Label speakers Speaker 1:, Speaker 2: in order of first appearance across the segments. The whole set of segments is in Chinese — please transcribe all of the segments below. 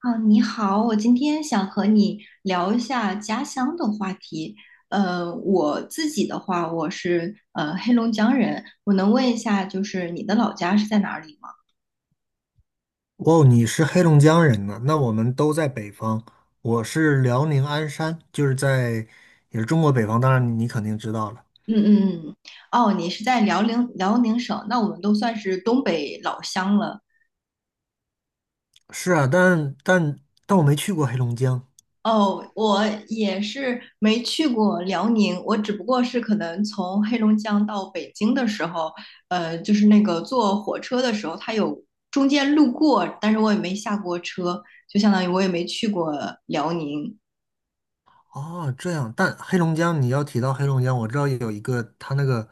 Speaker 1: 啊，你好，我今天想和你聊一下家乡的话题。我自己的话，我是黑龙江人，我能问一下，就是你的老家是在哪里吗？
Speaker 2: 哦，你是黑龙江人呢？那我们都在北方。我是辽宁鞍山，就是在也是中国北方，当然你肯定知道了。
Speaker 1: 嗯嗯嗯，哦，你是在辽宁省那我们都算是东北老乡了。
Speaker 2: 是啊，但我没去过黑龙江。
Speaker 1: 哦，我也是没去过辽宁，我只不过是可能从黑龙江到北京的时候，就是那个坐火车的时候，它有中间路过，但是我也没下过车，就相当于我也没去过辽宁。
Speaker 2: 哦，这样，但黑龙江你要提到黑龙江，我知道有一个他那个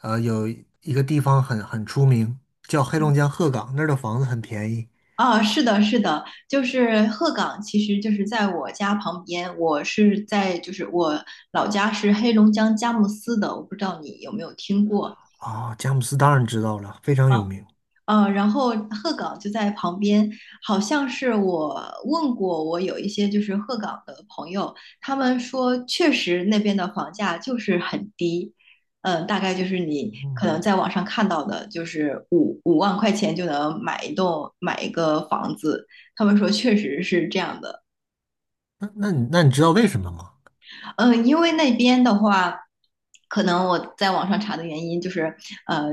Speaker 2: 有一个地方很出名，叫黑龙江鹤岗，那儿的房子很便宜。
Speaker 1: 啊，是的，是的，就是鹤岗，其实就是在我家旁边，我是在就是我老家是黑龙江佳木斯的，我不知道你有没有听过。
Speaker 2: 啊、佳木斯当然知道了，非常
Speaker 1: 啊。
Speaker 2: 有名。
Speaker 1: 然后鹤岗就在旁边，好像是我问过我有一些就是鹤岗的朋友，他们说确实那边的房价就是很低，嗯、大概就是你可
Speaker 2: 嗯，
Speaker 1: 能在网上看到的，就是五万块钱就能买一个房子，他们说确实是这样的。
Speaker 2: 那你知道为什么吗？
Speaker 1: 嗯，因为那边的话，可能我在网上查的原因就是，呃，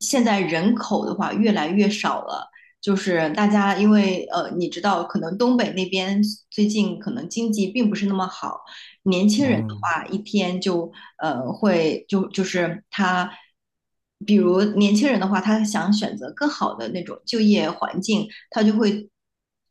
Speaker 1: 现在人口的话越来越少了，就是大家因为你知道，可能东北那边最近可能经济并不是那么好，年轻人的
Speaker 2: 嗯。
Speaker 1: 话一天就呃，会就就是他，比如年轻人的话，他想选择更好的那种就业环境，他就会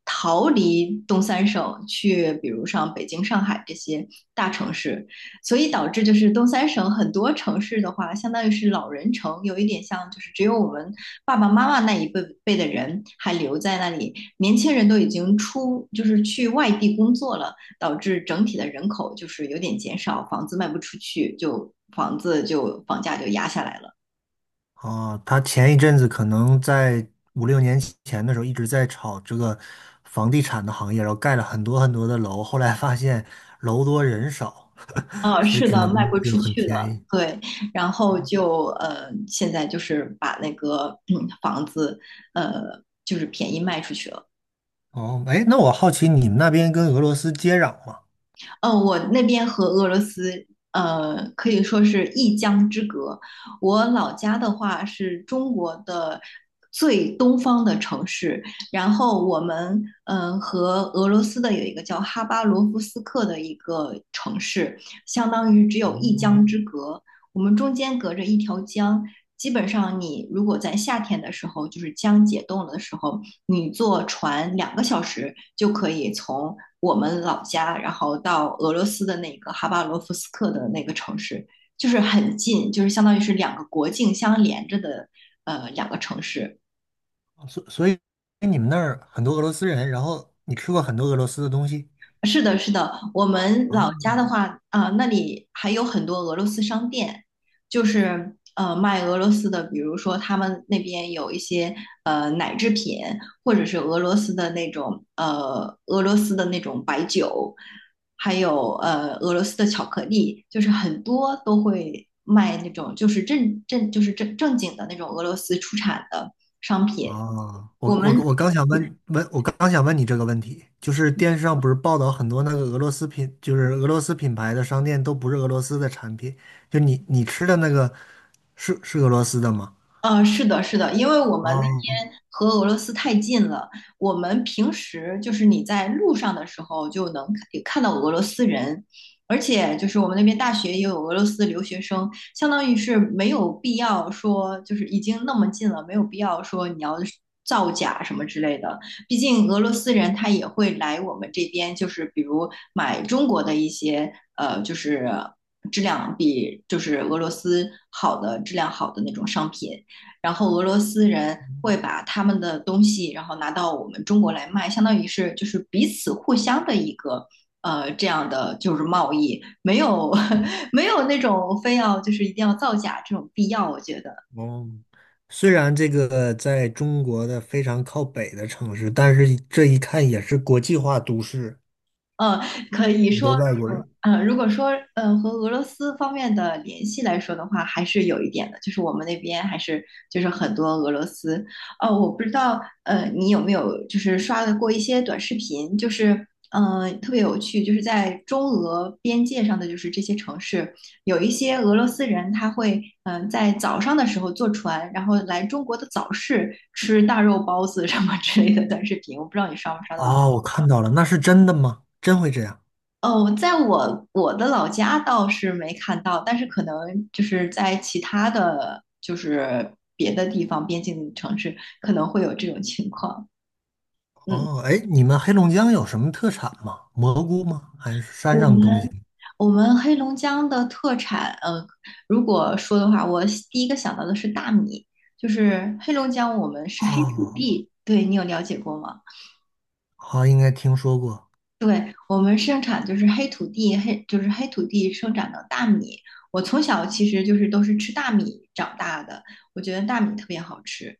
Speaker 1: 逃离东三省，去比如像北京、上海这些大城市，所以导致就是东三省很多城市的话，相当于是老人城，有一点像就是只有我们爸爸妈妈那一辈的人还留在那里，年轻人都已经出就是去外地工作了。导致整体的人口就是有点减少，房子卖不出去，就房子就房价就压下来了。
Speaker 2: 哦，他前一阵子可能在五六年前的时候一直在炒这个房地产的行业，然后盖了很多很多的楼，后来发现楼多人少，
Speaker 1: 啊，
Speaker 2: 所以
Speaker 1: 是
Speaker 2: 只
Speaker 1: 的，
Speaker 2: 能
Speaker 1: 卖不
Speaker 2: 就
Speaker 1: 出
Speaker 2: 很
Speaker 1: 去
Speaker 2: 便
Speaker 1: 了，
Speaker 2: 宜。
Speaker 1: 对，然后就现在就是把那个房子呃就是便宜卖出去了。
Speaker 2: 哦，哎，那我好奇你们那边跟俄罗斯接壤吗？
Speaker 1: 我那边和俄罗斯可以说是一江之隔。我老家的话是中国的最东方的城市，然后我们嗯、和俄罗斯的有一个叫哈巴罗夫斯克的一个城市，相当于只有一
Speaker 2: 嗯，
Speaker 1: 江之隔。我们中间隔着一条江，基本上你如果在夏天的时候，就是江解冻了的时候，你坐船两个小时就可以从我们老家，然后到俄罗斯的那个哈巴罗夫斯克的那个城市，就是很近，就是相当于是两个国境相连着的两个城市。
Speaker 2: 所以你们那儿很多俄罗斯人，然后你吃过很多俄罗斯的东西
Speaker 1: 是的，是的，我们
Speaker 2: 啊？
Speaker 1: 老家的话，啊、那里还有很多俄罗斯商店，就是卖俄罗斯的，比如说他们那边有一些奶制品，或者是俄罗斯的那种白酒，还有俄罗斯的巧克力，就是很多都会卖那种就是正正经的那种俄罗斯出产的商品。
Speaker 2: 哦，
Speaker 1: 我
Speaker 2: 我我
Speaker 1: 们
Speaker 2: 我刚想问问，我刚想问你这个问题，就是电视上不是报道很多那个俄罗斯品，就是俄罗斯品牌的商店都不是俄罗斯的产品，就你吃的那个是俄罗斯的吗？
Speaker 1: 是的，是的，因为我们那
Speaker 2: 哦
Speaker 1: 边和俄罗斯太近了，我们平时就是你在路上的时候就能看到俄罗斯人，而且就是我们那边大学也有俄罗斯留学生，相当于是没有必要说就是已经那么近了，没有必要说你要是造假什么之类的，毕竟俄罗斯人他也会来我们这边，就是比如买中国的一些就是比俄罗斯质量好的那种商品。然后俄罗斯人会把他们的东西，然后拿到我们中国来卖，相当于是就是彼此互相的一个这样的就是贸易，没有 没有那种非要就是一定要造假这种必要，我觉得。
Speaker 2: 哦，虽然这个在中国的非常靠北的城市，但是这一看也是国际化都市，
Speaker 1: 呃，可以
Speaker 2: 很
Speaker 1: 说，
Speaker 2: 多外国人。
Speaker 1: 如果说和俄罗斯方面的联系来说的话，还是有一点的，就是我们那边还是就是很多俄罗斯。我不知道你有没有就是刷的过一些短视频，就是特别有趣，就是在中俄边界上的就是这些城市，有一些俄罗斯人他会嗯、在早上的时候坐船，然后来中国的早市吃大肉包子什么之类的短视频，我不知道你刷没刷到。
Speaker 2: 哦，我看到了，那是真的吗？真会这样？
Speaker 1: 哦，在我的老家倒是没看到，但是可能就是在其他的就是别的地方边境城市可能会有这种情况。嗯，
Speaker 2: 哦，哎，你们黑龙江有什么特产吗？蘑菇吗？还是山
Speaker 1: 我
Speaker 2: 上的
Speaker 1: 们
Speaker 2: 东西？
Speaker 1: 我们黑龙江的特产，如果说的话，我第一个想到的是大米，就是黑龙江我们是黑土
Speaker 2: 哦，
Speaker 1: 地，对你有了解过吗？
Speaker 2: 好，应该听说过。
Speaker 1: 对，我们生产就是黑土地，黑就是黑土地生长的大米。我从小其实就是都是吃大米长大的，我觉得大米特别好吃。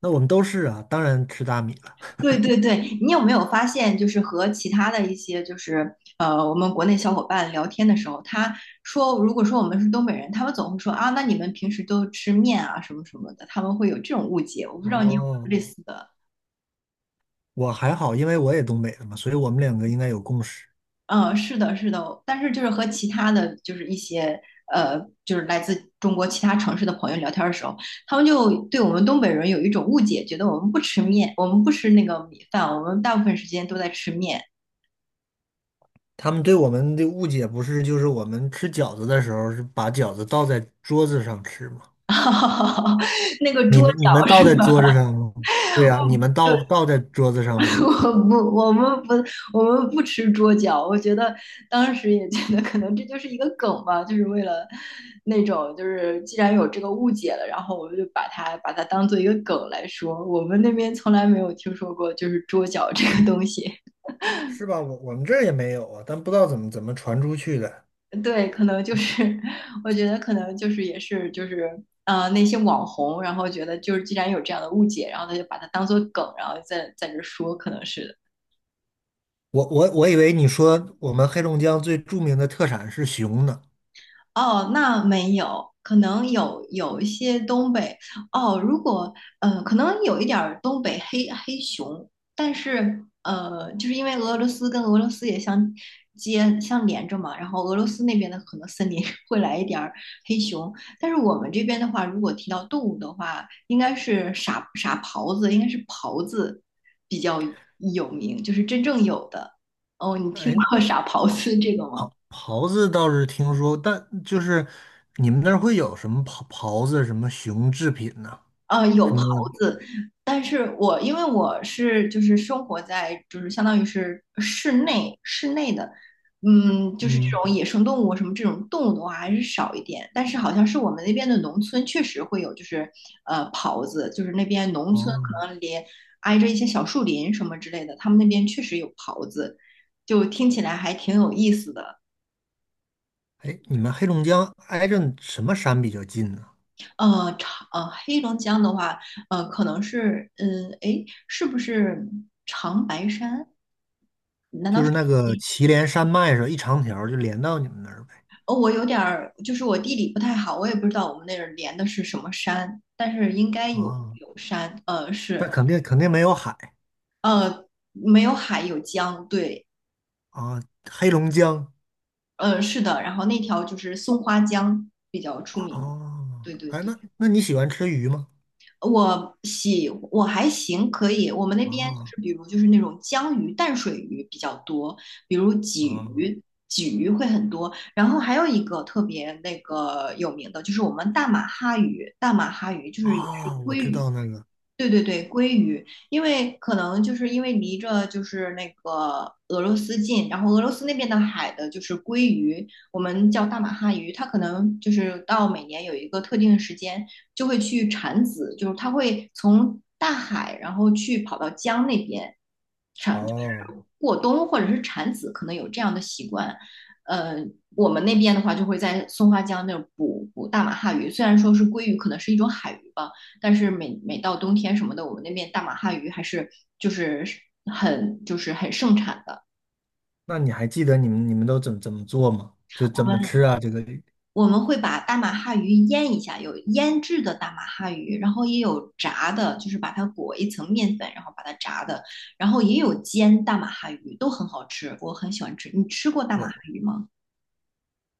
Speaker 2: 那我们都是啊，当然吃大米了。
Speaker 1: 对对对，你有没有发现，就是和其他的一些我们国内小伙伴聊天的时候，他说，如果说我们是东北人，他们总会说啊，那你们平时都吃面啊什么什么的，他们会有这种误解。我不知道你有没
Speaker 2: 哦，
Speaker 1: 有类似的。
Speaker 2: 我还好，因为我也东北的嘛，所以我们两个应该有共识。
Speaker 1: 嗯，是的，是的，但是就是和其他的就是一些就是来自中国其他城市的朋友聊天的时候，他们就对我们东北人有一种误解，觉得我们不吃面，我们不吃那个米饭，我们大部分时间都在吃面，
Speaker 2: 他们对我们的误解不是，就是我们吃饺子的时候是把饺子倒在桌子上吃吗？
Speaker 1: 那个
Speaker 2: 你
Speaker 1: 桌
Speaker 2: 们你们
Speaker 1: 角
Speaker 2: 倒
Speaker 1: 是。
Speaker 2: 在桌子上吗？对呀，你们倒在桌子 上吗？
Speaker 1: 我不，我们不，我们不吃桌脚。我觉得当时也觉得，可能这就是一个梗吧，就是为了那种，就是既然有这个误解了，然后我们就把它当做一个梗来说。我们那边从来没有听说过就是桌脚这个东西。
Speaker 2: 是吧？我们这儿也没有啊，但不知道怎么传出去的。
Speaker 1: 对，可能就是，我觉得可能就是也是就是，那些网红，然后觉得就是既然有这样的误解，然后他就把它当做梗，然后在这说，可能是。
Speaker 2: 我以为你说我们黑龙江最著名的特产是熊呢。
Speaker 1: 哦，那没有，可能有有一些东北。哦，如果可能有一点儿东北黑熊，但是就是因为俄罗斯也相连着嘛，然后俄罗斯那边的可能森林 会来一点儿黑熊，但是我们这边的话，如果提到动物的话，应该是傻狍子，应该是狍子比较有名，就是真正有的。哦，你听
Speaker 2: 哎，
Speaker 1: 过 傻狍子这个吗？
Speaker 2: 袍子倒是听说，但就是你们那儿会有什么袍袍子、什么熊制品呢、
Speaker 1: 有
Speaker 2: 什
Speaker 1: 狍
Speaker 2: 么
Speaker 1: 子，但是我因为我是就是生活在就是相当于是室内的，嗯，就是这
Speaker 2: 嗯
Speaker 1: 种野生动物什么这种动物的话还是少一点，但是好像是我们那边的农村确实会有就是狍子，就是那边农村
Speaker 2: 哦，
Speaker 1: 可能连挨着一些小树林什么之类的，他们那边确实有狍子，就听起来还挺有意思的。
Speaker 2: 哎，你们黑龙江挨着什么山比较近呢？
Speaker 1: 黑龙江的话，可能是，嗯，诶，是不是长白山？难道
Speaker 2: 就是那
Speaker 1: 是？
Speaker 2: 个祁连山脉上一长条儿就连到你们那儿呗。
Speaker 1: 哦，我有点儿，就是我地理不太好，我也不知道我们那儿连的是什么山，但是应该
Speaker 2: 啊，
Speaker 1: 有山，
Speaker 2: 那
Speaker 1: 是，
Speaker 2: 肯定没有海
Speaker 1: 呃，没有海，有江，对，
Speaker 2: 啊，黑龙江
Speaker 1: 是的，然后那条就是松花江比较出名，
Speaker 2: 哦，
Speaker 1: 对对
Speaker 2: 哎，
Speaker 1: 对。
Speaker 2: 那那你喜欢吃鱼吗？
Speaker 1: 我还行，可以。我们那边就
Speaker 2: 啊
Speaker 1: 是比如就是那种江鱼、淡水鱼比较多，比如鲫
Speaker 2: 啊
Speaker 1: 鱼，鲫鱼会很多。然后还有一个特别那个有名的，就是我们大马哈鱼，大马哈鱼就是也
Speaker 2: 啊，我知道那个
Speaker 1: 对对对，鲑鱼，因为可能就是因为离着就是那个俄罗斯近，然后俄罗斯那边的海的就是鲑鱼，我们叫大马哈鱼，它可能就是到每年有一个特定的时间就会去产子，就是它会从大海然后去跑到江那边，
Speaker 2: 哦。
Speaker 1: 过冬或者是产子可能有这样的习惯，呃，我们那边的话就会在松花江那儿捕大马哈鱼，虽然说是鲑鱼，可能是一种海鱼吧，但是每每到冬天什么的，我们那边大马哈鱼还是就是很盛产的。
Speaker 2: 那你还记得你们都怎么做吗？就
Speaker 1: 我
Speaker 2: 怎么
Speaker 1: 们
Speaker 2: 吃啊？这个
Speaker 1: 我们会把大马哈鱼腌一下，有腌制的大马哈鱼，然后也有炸的，就是把它裹一层面粉，然后把它炸的，然后也有煎大马哈鱼，都很好吃，我很喜欢吃。你吃过大马
Speaker 2: 我
Speaker 1: 哈鱼吗？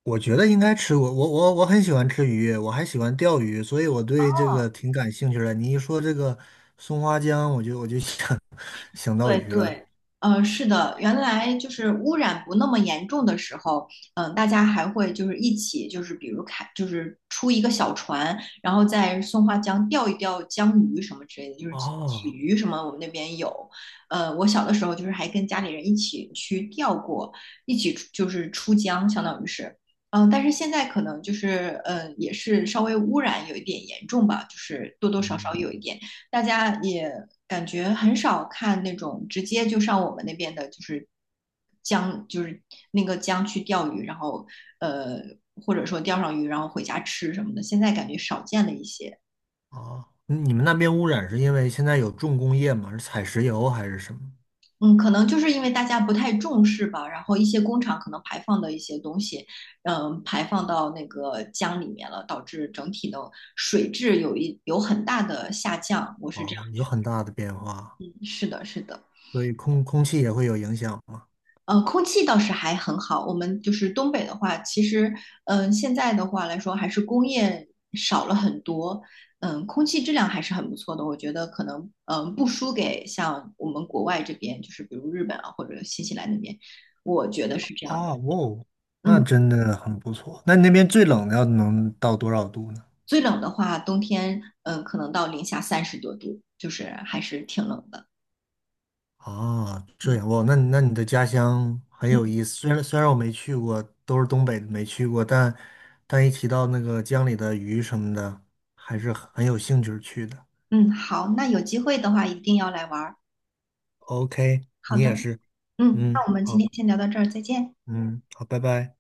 Speaker 2: 我觉得应该吃，我很喜欢吃鱼，我还喜欢钓鱼，所以我对这个挺感兴趣的。你一说这个松花江，我就想 想到
Speaker 1: 对
Speaker 2: 鱼了。
Speaker 1: 对，是的，原来就是污染不那么严重的时候，大家还会就是一起，就是比如开，就是出一个小船，然后在松花江钓一钓江鱼什么之类的，就是鲫
Speaker 2: 哦，
Speaker 1: 鱼什么，我们那边有。我小的时候就是还跟家里人一起去钓过，一起出就是出江，相当于是。但是现在可能就是，也是稍微污染有一点严重吧，就是多多少少
Speaker 2: 嗯，
Speaker 1: 有一点。大家也感觉很少看那种直接就上我们那边的，就是江，就是那个江去钓鱼，然后呃，或者说钓上鱼，然后回家吃什么的，现在感觉少见了一些。
Speaker 2: 哦，你们那边污染是因为现在有重工业吗？是采石油还是什么？
Speaker 1: 嗯，可能就是因为大家不太重视吧，然后一些工厂可能排放的一些东西，嗯，排放到那个江里面了，导致整体的水质有很大的下降。我是这样
Speaker 2: 哦，有
Speaker 1: 觉
Speaker 2: 很大的变化，
Speaker 1: 得，是的，是的。
Speaker 2: 所以空气也会有影响吗？
Speaker 1: 空气倒是还很好。我们就是东北的话，其实，现在的话来说，还是工业少了很多，空气质量还是很不错的。我觉得可能，不输给像我们国外这边，就是比如日本啊或者新西兰那边，我觉得是这样的。
Speaker 2: 哦，哦，那
Speaker 1: 嗯，
Speaker 2: 真的很不错。那你那边最冷的要能到多少度呢？
Speaker 1: 最冷的话，冬天，可能到零下30多度，就是还是挺冷的。
Speaker 2: 啊，这样
Speaker 1: 嗯
Speaker 2: 哇，那你的家乡很
Speaker 1: 嗯
Speaker 2: 有意思。虽然我没去过，都是东北的没去过，但但一提到那个江里的鱼什么的，还是很有兴趣去的。
Speaker 1: 嗯，好，那有机会的话一定要来玩儿。
Speaker 2: OK,
Speaker 1: 好
Speaker 2: 你也
Speaker 1: 的，
Speaker 2: 是。
Speaker 1: 嗯，那
Speaker 2: 嗯，
Speaker 1: 我们今
Speaker 2: 好，
Speaker 1: 天先聊到这儿，再见。
Speaker 2: 嗯，好，拜拜。